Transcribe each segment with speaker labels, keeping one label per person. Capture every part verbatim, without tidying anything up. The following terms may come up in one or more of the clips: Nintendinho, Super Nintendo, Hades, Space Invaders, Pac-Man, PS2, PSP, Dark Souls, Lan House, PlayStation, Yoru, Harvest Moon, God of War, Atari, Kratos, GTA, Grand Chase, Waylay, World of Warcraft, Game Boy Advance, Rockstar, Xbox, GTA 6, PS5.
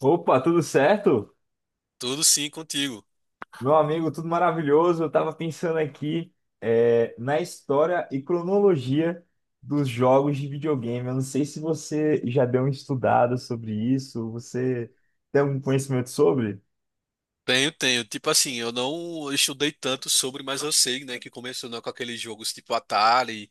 Speaker 1: Opa, tudo certo?
Speaker 2: Tudo sim contigo.
Speaker 1: Meu amigo, tudo maravilhoso. Eu estava pensando aqui é, na história e cronologia dos jogos de videogame. Eu não sei se você já deu uma estudada sobre isso. Você tem algum conhecimento sobre?
Speaker 2: Tenho, tenho. Tipo assim, eu não estudei tanto sobre, mas eu sei, né, que começou, né, com aqueles jogos tipo Atari,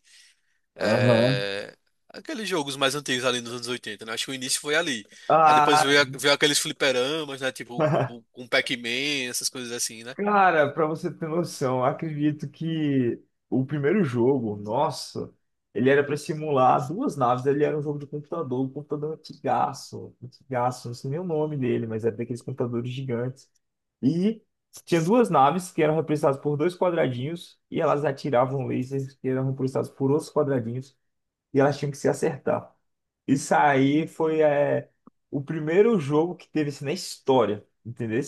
Speaker 1: Aham.
Speaker 2: é, aqueles jogos mais antigos ali nos anos oitenta, né? Acho que o início foi ali. Aí depois
Speaker 1: Ah.
Speaker 2: veio, a- veio aqueles fliperamas, né, tipo o- com Pac-Man, essas coisas assim, né?
Speaker 1: Cara, pra você ter noção, eu acredito que o primeiro jogo, nossa, ele era pra simular duas naves, ele era um jogo de computador, um computador antigaço, antigaço, não sei nem o nome dele, mas era daqueles computadores gigantes. E tinha duas naves que eram representadas por dois quadradinhos, e elas atiravam lasers que eram representados por outros quadradinhos, e elas tinham que se acertar. Isso aí foi é, o primeiro jogo que teve isso na história, entendeu?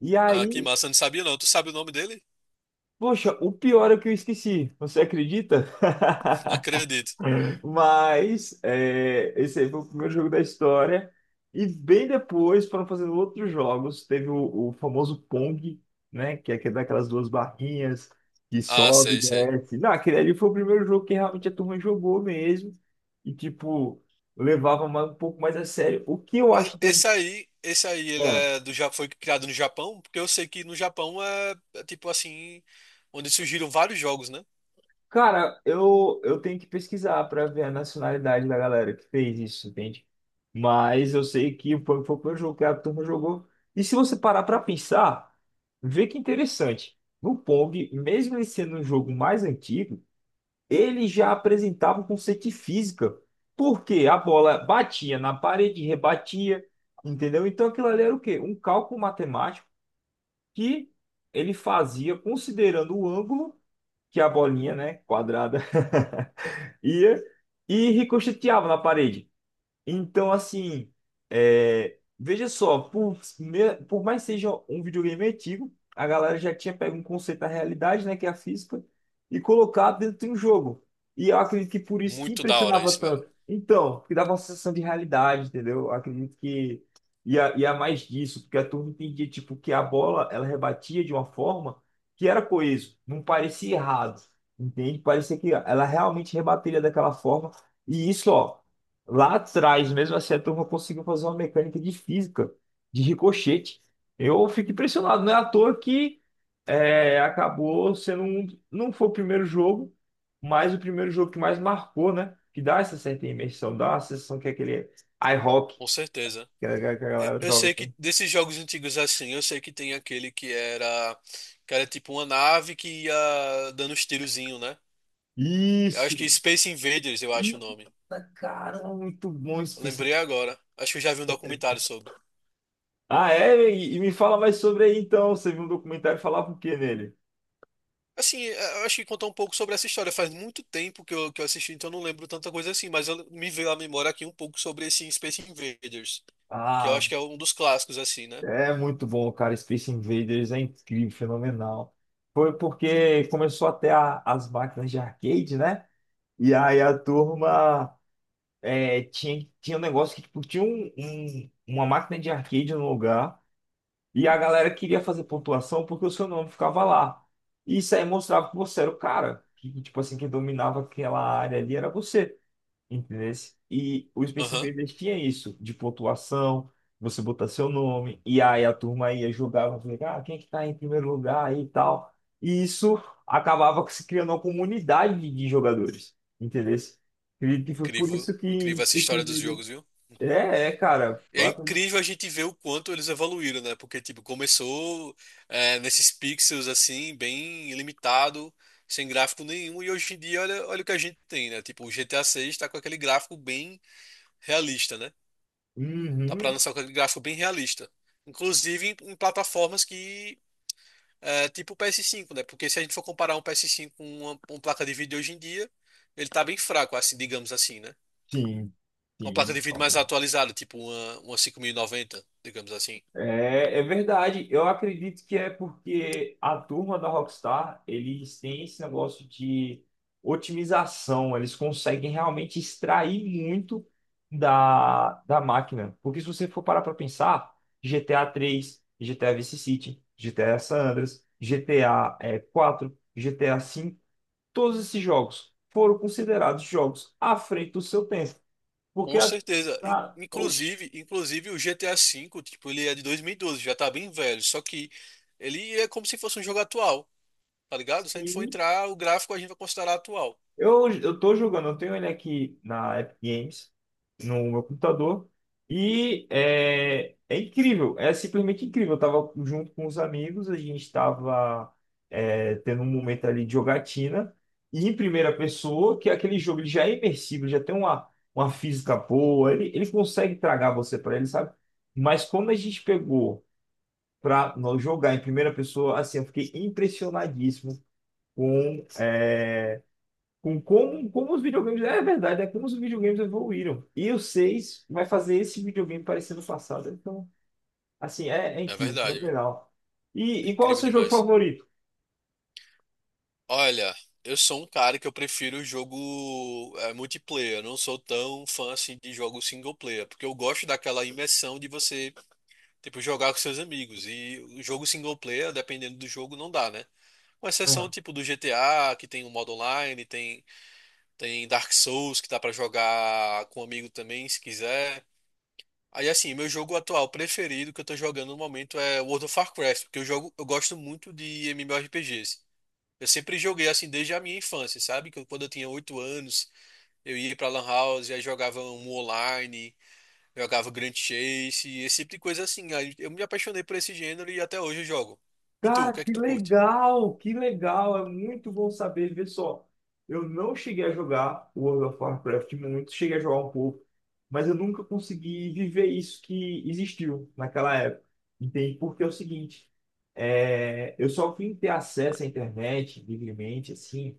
Speaker 1: E
Speaker 2: Ah, que
Speaker 1: aí...
Speaker 2: massa, eu não sabia não. Tu sabe o nome dele?
Speaker 1: Poxa, o pior é que eu esqueci, você acredita?
Speaker 2: Não acredito.
Speaker 1: Mas é, esse aí foi o primeiro jogo da história. E bem depois foram fazendo outros jogos. Teve o, o famoso Pong, né? Que é aquele daquelas duas barrinhas que
Speaker 2: Ah,
Speaker 1: sobe,
Speaker 2: sei, sei.
Speaker 1: desce. Não, aquele ali foi o primeiro jogo que realmente a turma jogou mesmo. E, tipo, levava mais- um pouco mais a sério. O que eu
Speaker 2: Mas
Speaker 1: acho
Speaker 2: esse
Speaker 1: interessante.
Speaker 2: aí, esse aí, ele é do, Ja- foi criado no Japão, porque eu sei que no Japão é é tipo assim, onde surgiram vários jogos, né?
Speaker 1: Cara, eu, eu tenho que pesquisar para ver a nacionalidade da galera que fez isso, entende? Mas eu sei que foi, foi o primeiro jogo que a turma jogou. E se você parar para pensar, vê que interessante. No Pong, mesmo ele sendo um jogo mais antigo, ele já apresentava o conceito de física. Porque a bola batia na parede, rebatia, entendeu? Então aquilo ali era o quê? Um cálculo matemático que ele fazia considerando o ângulo que a bolinha, né, quadrada. Ia e ricocheteava na parede. Então, assim, é, veja só, por, me- por mais que seja um videogame antigo, a galera já tinha pego um conceito da realidade, né, que é a física, e colocado dentro de um jogo. E eu acredito que por isso que
Speaker 2: Muito da hora
Speaker 1: impressionava
Speaker 2: isso, velho.
Speaker 1: tanto. Então, que dava uma sensação de realidade, entendeu? Eu acredito que ia, ia mais disso, porque a turma entendia, tipo, que a bola, ela rebatia de uma forma que era coeso, não parecia errado, entende? Parecia que ela realmente rebateria daquela forma. E isso, ó. Lá atrás, mesmo assim, a turma conseguiu fazer uma mecânica de física, de ricochete. Eu fico impressionado, não é à toa que é, acabou sendo um, não foi o primeiro jogo, mas o primeiro jogo que mais marcou, né? Que dá essa certa imersão, dá a sensação que é aquele iHockey
Speaker 2: Com certeza.
Speaker 1: que a, que a
Speaker 2: Eu
Speaker 1: galera
Speaker 2: eu
Speaker 1: joga.
Speaker 2: sei que desses jogos antigos assim, eu sei que tem aquele que era que era tipo uma nave que ia dando uns tirozinho, né? Eu acho que
Speaker 1: Isso!
Speaker 2: Space Invaders, eu acho o nome.
Speaker 1: Eita, cara, muito bom esse
Speaker 2: Eu
Speaker 1: P C.
Speaker 2: lembrei agora. Acho que eu já vi um documentário sobre.
Speaker 1: Ah, é? E, e me fala mais sobre aí então. Você viu um documentário e falava o quê nele?
Speaker 2: Assim, é, eu acho que contar um pouco sobre essa história. Faz muito tempo que eu, que eu assisti, então eu não lembro tanta coisa assim, mas eu, me veio à memória aqui um pouco sobre esse Space Invaders, que eu
Speaker 1: Ah,
Speaker 2: acho que é um dos clássicos assim, né?
Speaker 1: é muito bom, cara. Space Invaders é incrível, fenomenal. Foi porque começou até as máquinas de arcade, né? E aí a turma é, tinha, tinha um negócio que tipo, tinha um, um- uma máquina de arcade no lugar e a galera queria fazer pontuação porque o seu nome ficava lá. E isso aí mostrava que você era o cara. Que, tipo assim, que dominava aquela área ali era você. Entendeu? E o Space
Speaker 2: Aham.
Speaker 1: Invaders tinha isso, de pontuação, você botar seu nome, e aí a turma ia jogava, ah, quem é que tá em primeiro lugar e tal. E isso acabava se criando uma comunidade de de jogadores, entendeu? Acredito que foi por
Speaker 2: Incrível,
Speaker 1: isso que
Speaker 2: incrível essa
Speaker 1: Space
Speaker 2: história dos
Speaker 1: Invaders...
Speaker 2: jogos, viu?
Speaker 1: É, é, cara.
Speaker 2: É incrível a gente ver o quanto eles evoluíram, né? Porque, tipo, começou é, nesses pixels, assim, bem limitado, sem gráfico nenhum, e hoje em dia, olha, olha o que a gente tem, né? Tipo, o G T A seis tá com aquele gráfico bem realista, né? Tá pra
Speaker 1: Uhum,
Speaker 2: lançar com aquele gráfico bem realista. Inclusive em, em plataformas que, é, tipo o P S cinco, né? Porque se a gente for comparar um P S cinco com uma, com uma placa de vídeo hoje em dia, ele tá bem fraco, assim, digamos assim, né?
Speaker 1: sim,
Speaker 2: Com uma placa
Speaker 1: sim.
Speaker 2: de vídeo mais atualizada, tipo uma, uma cinquenta e noventa, digamos assim.
Speaker 1: É, é verdade. Eu acredito que é porque a turma da Rockstar, eles têm esse negócio de otimização. Eles conseguem realmente extrair muito da, da máquina. Porque se você for parar para pensar, G T A três, G T A Vice City, GTA San Andreas, G T A eh, quatro, G T A cinco, todos esses jogos foram considerados jogos à frente do seu tempo. Porque
Speaker 2: Com
Speaker 1: a,
Speaker 2: certeza. I-
Speaker 1: a, oxi,
Speaker 2: Inclusive, inclusive o G T A V, tipo, ele é de dois mil e doze, já tá bem velho, só que ele é como se fosse um jogo atual, tá ligado? Se a gente for
Speaker 1: sim.
Speaker 2: entrar, o gráfico a gente vai considerar atual.
Speaker 1: Eu, eu tô jogando, eu tenho ele aqui na Epic Games, no meu computador, e é, é incrível, é simplesmente incrível. Eu tava junto com os amigos, a gente tava é, tendo um momento ali de jogatina, e em primeira pessoa, que é aquele jogo ele já é imersivo, já tem uma, uma física boa, ele, ele consegue tragar você pra ele, sabe? Mas quando a gente pegou pra nós jogar em primeira pessoa, assim, eu fiquei impressionadíssimo. Com com como, como os videogames. É verdade, é como os videogames evoluíram. E o seis vai fazer esse videogame parecer no passado. Então, assim, é, é
Speaker 2: É
Speaker 1: incrível,
Speaker 2: verdade, viu?
Speaker 1: fenomenal.
Speaker 2: É
Speaker 1: E, e qual é o
Speaker 2: incrível
Speaker 1: seu jogo
Speaker 2: demais.
Speaker 1: favorito?
Speaker 2: Olha, eu sou um cara que eu prefiro o jogo é, multiplayer, eu não sou tão fã assim de jogo single player, porque eu gosto daquela imersão de você, tipo, jogar com seus amigos. E o jogo single player, dependendo do jogo, não dá, né? Com exceção, tipo, do G T A, que tem o modo online, tem Tem Dark Souls que dá pra jogar com um amigo também, se quiser. Aí assim, meu jogo atual preferido que eu tô jogando no momento é World of Warcraft, porque eu jogo, eu gosto muito de MMORPGs. Eu sempre joguei assim desde a minha infância, sabe? Que eu- quando eu tinha oito anos, eu ia pra Lan House, aí jogava um online, jogava Grand Chase, esse tipo de coisa assim. Aí eu me apaixonei por esse gênero e até hoje eu jogo. E tu, o
Speaker 1: Cara,
Speaker 2: que é que
Speaker 1: que
Speaker 2: tu curte?
Speaker 1: legal, que legal, é muito bom saber. Vê só, eu não cheguei a jogar World of Warcraft muito, cheguei a jogar um pouco, mas eu nunca consegui viver isso que existiu naquela época. Entende? Porque é o seguinte, é, eu só vim ter acesso à internet livremente, assim.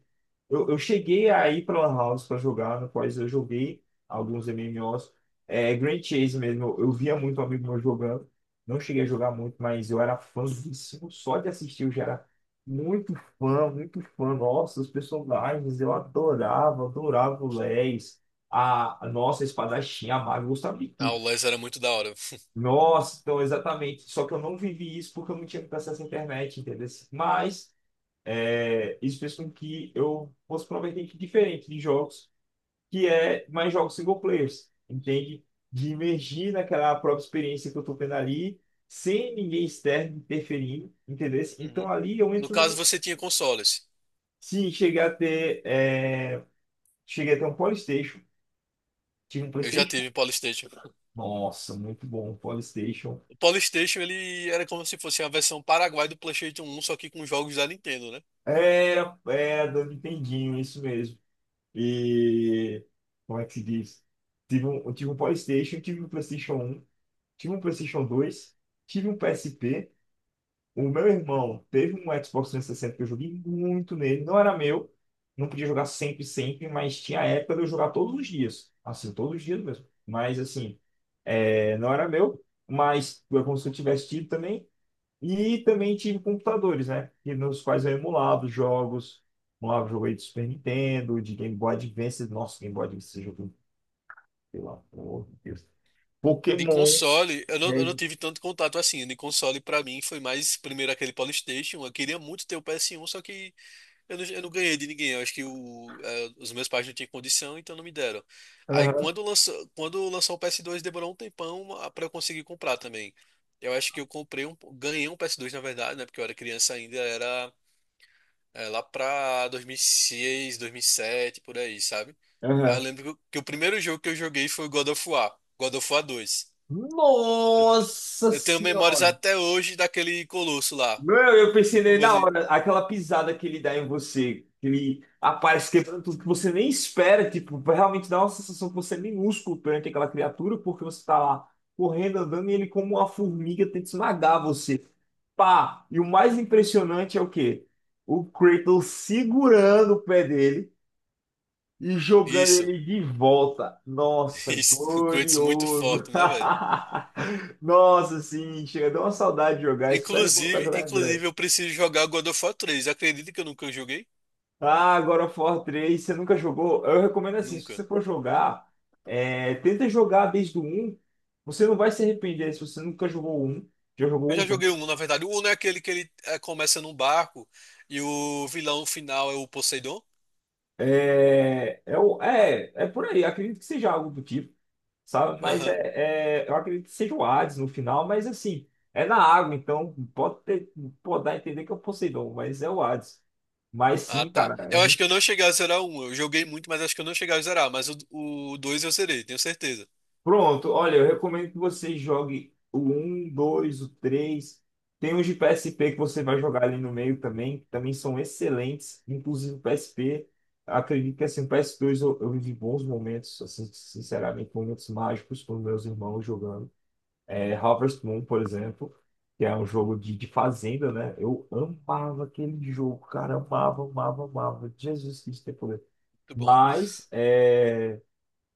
Speaker 1: Eu, eu cheguei a ir para Lan House para jogar, no qual eu joguei alguns M M Os. É, Grand Chase mesmo, eu eu via muito amigo meu jogando. Não cheguei a jogar muito, mas eu era fãzíssimo só de assistir. Eu já era muito fã, muito fã. Nossa, os personagens, eu adorava, adorava o Leis, a, a nossa espadachim, a maga, eu gostava de
Speaker 2: Ah, o
Speaker 1: tudo.
Speaker 2: les era muito da hora.
Speaker 1: Nossa, então exatamente. Só que eu não vivi isso porque eu não tinha acesso à internet, entendeu? Mas é, isso fez com que eu fosse provavelmente diferente de jogos que é mais jogos single players, entende? De imergir naquela própria experiência que eu estou tendo ali, sem ninguém externo interferindo, entendeu? Então
Speaker 2: Uhum.
Speaker 1: ali eu
Speaker 2: No
Speaker 1: entro
Speaker 2: caso,
Speaker 1: no...
Speaker 2: você tinha consoles.
Speaker 1: Se chegar a ter... é, cheguei a ter um PlayStation, tive um
Speaker 2: Eu já
Speaker 1: PlayStation.
Speaker 2: tive PlayStation.
Speaker 1: Nossa, muito bom, um PlayStation.
Speaker 2: O PlayStation ele era como se fosse a versão Paraguai do PlayStation um, só que com jogos da Nintendo, né?
Speaker 1: Era, era do Nintendinho, isso mesmo. E... Como é que se diz? Tive um, eu tive um PlayStation, tive um PlayStation um, tive um PlayStation dois, tive um P S P. O meu irmão teve um Xbox trezentos e sessenta que eu joguei muito nele. Não era meu. Não podia jogar sempre, sempre, mas tinha a época de eu jogar todos os dias. Assim, todos os dias mesmo. Mas, assim, é, não era meu. Mas foi como se eu tivesse tido também. E também tive computadores, né? Que nos quais eu emulava os jogos. Emulava o jogo aí de Super Nintendo, de Game Boy Advance. Nossa, Game Boy Advance, esse jogo, pelo amor de Deus.
Speaker 2: De
Speaker 1: Pokémon.
Speaker 2: console, eu não, eu não
Speaker 1: Né?
Speaker 2: tive tanto contato assim. De console, pra mim, foi mais primeiro aquele PlayStation. Eu queria muito ter o P S um, só que eu não, eu não ganhei de ninguém. Eu acho que o- eh, os meus pais não tinham condição, então não me deram. Aí
Speaker 1: Aham,
Speaker 2: quando lançou, quando lançou o P S dois, demorou um tempão, ah, pra eu conseguir comprar também. Eu acho que eu comprei um, ganhei um P S dois, na verdade, né? Porque eu era criança ainda, era. É, lá pra dois mil e seis, dois mil e sete, por aí, sabe? Aí eu
Speaker 1: aham.
Speaker 2: lembro que o primeiro jogo que eu joguei foi o God of War, God of War dois. Eu,
Speaker 1: Nossa
Speaker 2: eu tenho memórias
Speaker 1: Senhora!
Speaker 2: até hoje daquele colosso lá.
Speaker 1: Meu, eu
Speaker 2: No
Speaker 1: pensei nele na
Speaker 2: começo,
Speaker 1: hora, aquela pisada que ele dá em você, que ele aparece quebrando tudo que você nem espera, tipo, realmente dá uma sensação que você é minúsculo perante aquela criatura, porque você tá lá correndo, andando, e ele como uma formiga tenta esmagar você. Pá! E o mais impressionante é o quê? O Kratos segurando o pé dele e jogando
Speaker 2: isso,
Speaker 1: ele de volta. Nossa,
Speaker 2: isso, o Kratos muito
Speaker 1: glorioso!
Speaker 2: forte, né, velho?
Speaker 1: Nossa, sim, chega, deu uma saudade de jogar, espero voltar a
Speaker 2: Inclusive,
Speaker 1: jogar em breve.
Speaker 2: inclusive eu preciso jogar God of War três. Acredita que eu nunca joguei?
Speaker 1: Ah, God of War três, você nunca jogou? Eu recomendo assim, se
Speaker 2: Nunca.
Speaker 1: você for jogar, é, tenta jogar desde o um. Você não vai se arrepender se você nunca jogou o um. Já jogou
Speaker 2: Eu
Speaker 1: o
Speaker 2: já
Speaker 1: um
Speaker 2: joguei
Speaker 1: também?
Speaker 2: um, na verdade. O um é aquele que ele é, começa num barco e o vilão final é o Poseidon.
Speaker 1: É, é, o- é, é por aí, acredito que seja algo do tipo, sabe? Mas
Speaker 2: Aham.
Speaker 1: é, é, eu acredito que seja o Hades no final, mas assim, é na água, então pode ter, pode dar a entender que é o Poseidon, mas é o Hades. Mas
Speaker 2: Ah,
Speaker 1: sim,
Speaker 2: tá.
Speaker 1: cara.
Speaker 2: Eu acho que eu não cheguei a zerar um. Eu joguei muito, mas acho que eu não cheguei a zerar. Mas o, o dois eu zerei, tenho certeza.
Speaker 1: Pronto, olha, eu recomendo que você jogue o um, dois, o três. Tem uns de P S P que você vai jogar ali no meio também, que também são excelentes. Inclusive o P S P, acredito que assim, o P S dois eu, eu vivi bons momentos, assim, sinceramente, momentos mágicos com meus irmãos jogando. É, Harvest Moon, por exemplo, que é um jogo de, de fazenda, né? Eu amava aquele jogo, cara, amava, amava, amava. Jesus Cristo tem poder.
Speaker 2: Muito bom.
Speaker 1: Mas, é,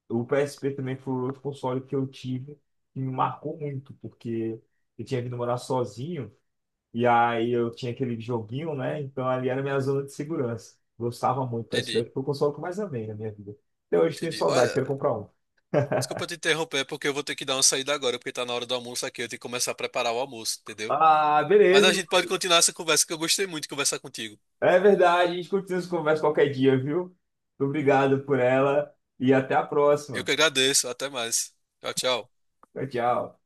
Speaker 1: o P S P também foi outro console que eu tive que me marcou muito, porque eu tinha vindo morar sozinho e aí eu tinha aquele joguinho, né? Então ali era a minha zona de segurança. Gostava muito do P S P,
Speaker 2: Entendi.
Speaker 1: porque foi o console que eu mais amei na minha vida. Até hoje tenho
Speaker 2: Entendi.
Speaker 1: saudade,
Speaker 2: Olha,
Speaker 1: quero comprar um.
Speaker 2: desculpa te interromper, porque eu vou ter que dar uma saída agora, porque tá na hora do almoço aqui. Eu tenho que começar a preparar o almoço, entendeu?
Speaker 1: Ah,
Speaker 2: Mas
Speaker 1: beleza.
Speaker 2: a gente pode continuar essa conversa, que eu gostei muito de conversar contigo.
Speaker 1: É verdade, a gente continua essa conversa qualquer dia, viu? Muito obrigado por ela e até a
Speaker 2: Eu que
Speaker 1: próxima.
Speaker 2: agradeço. Até mais. Tchau, tchau.
Speaker 1: Tchau, tchau.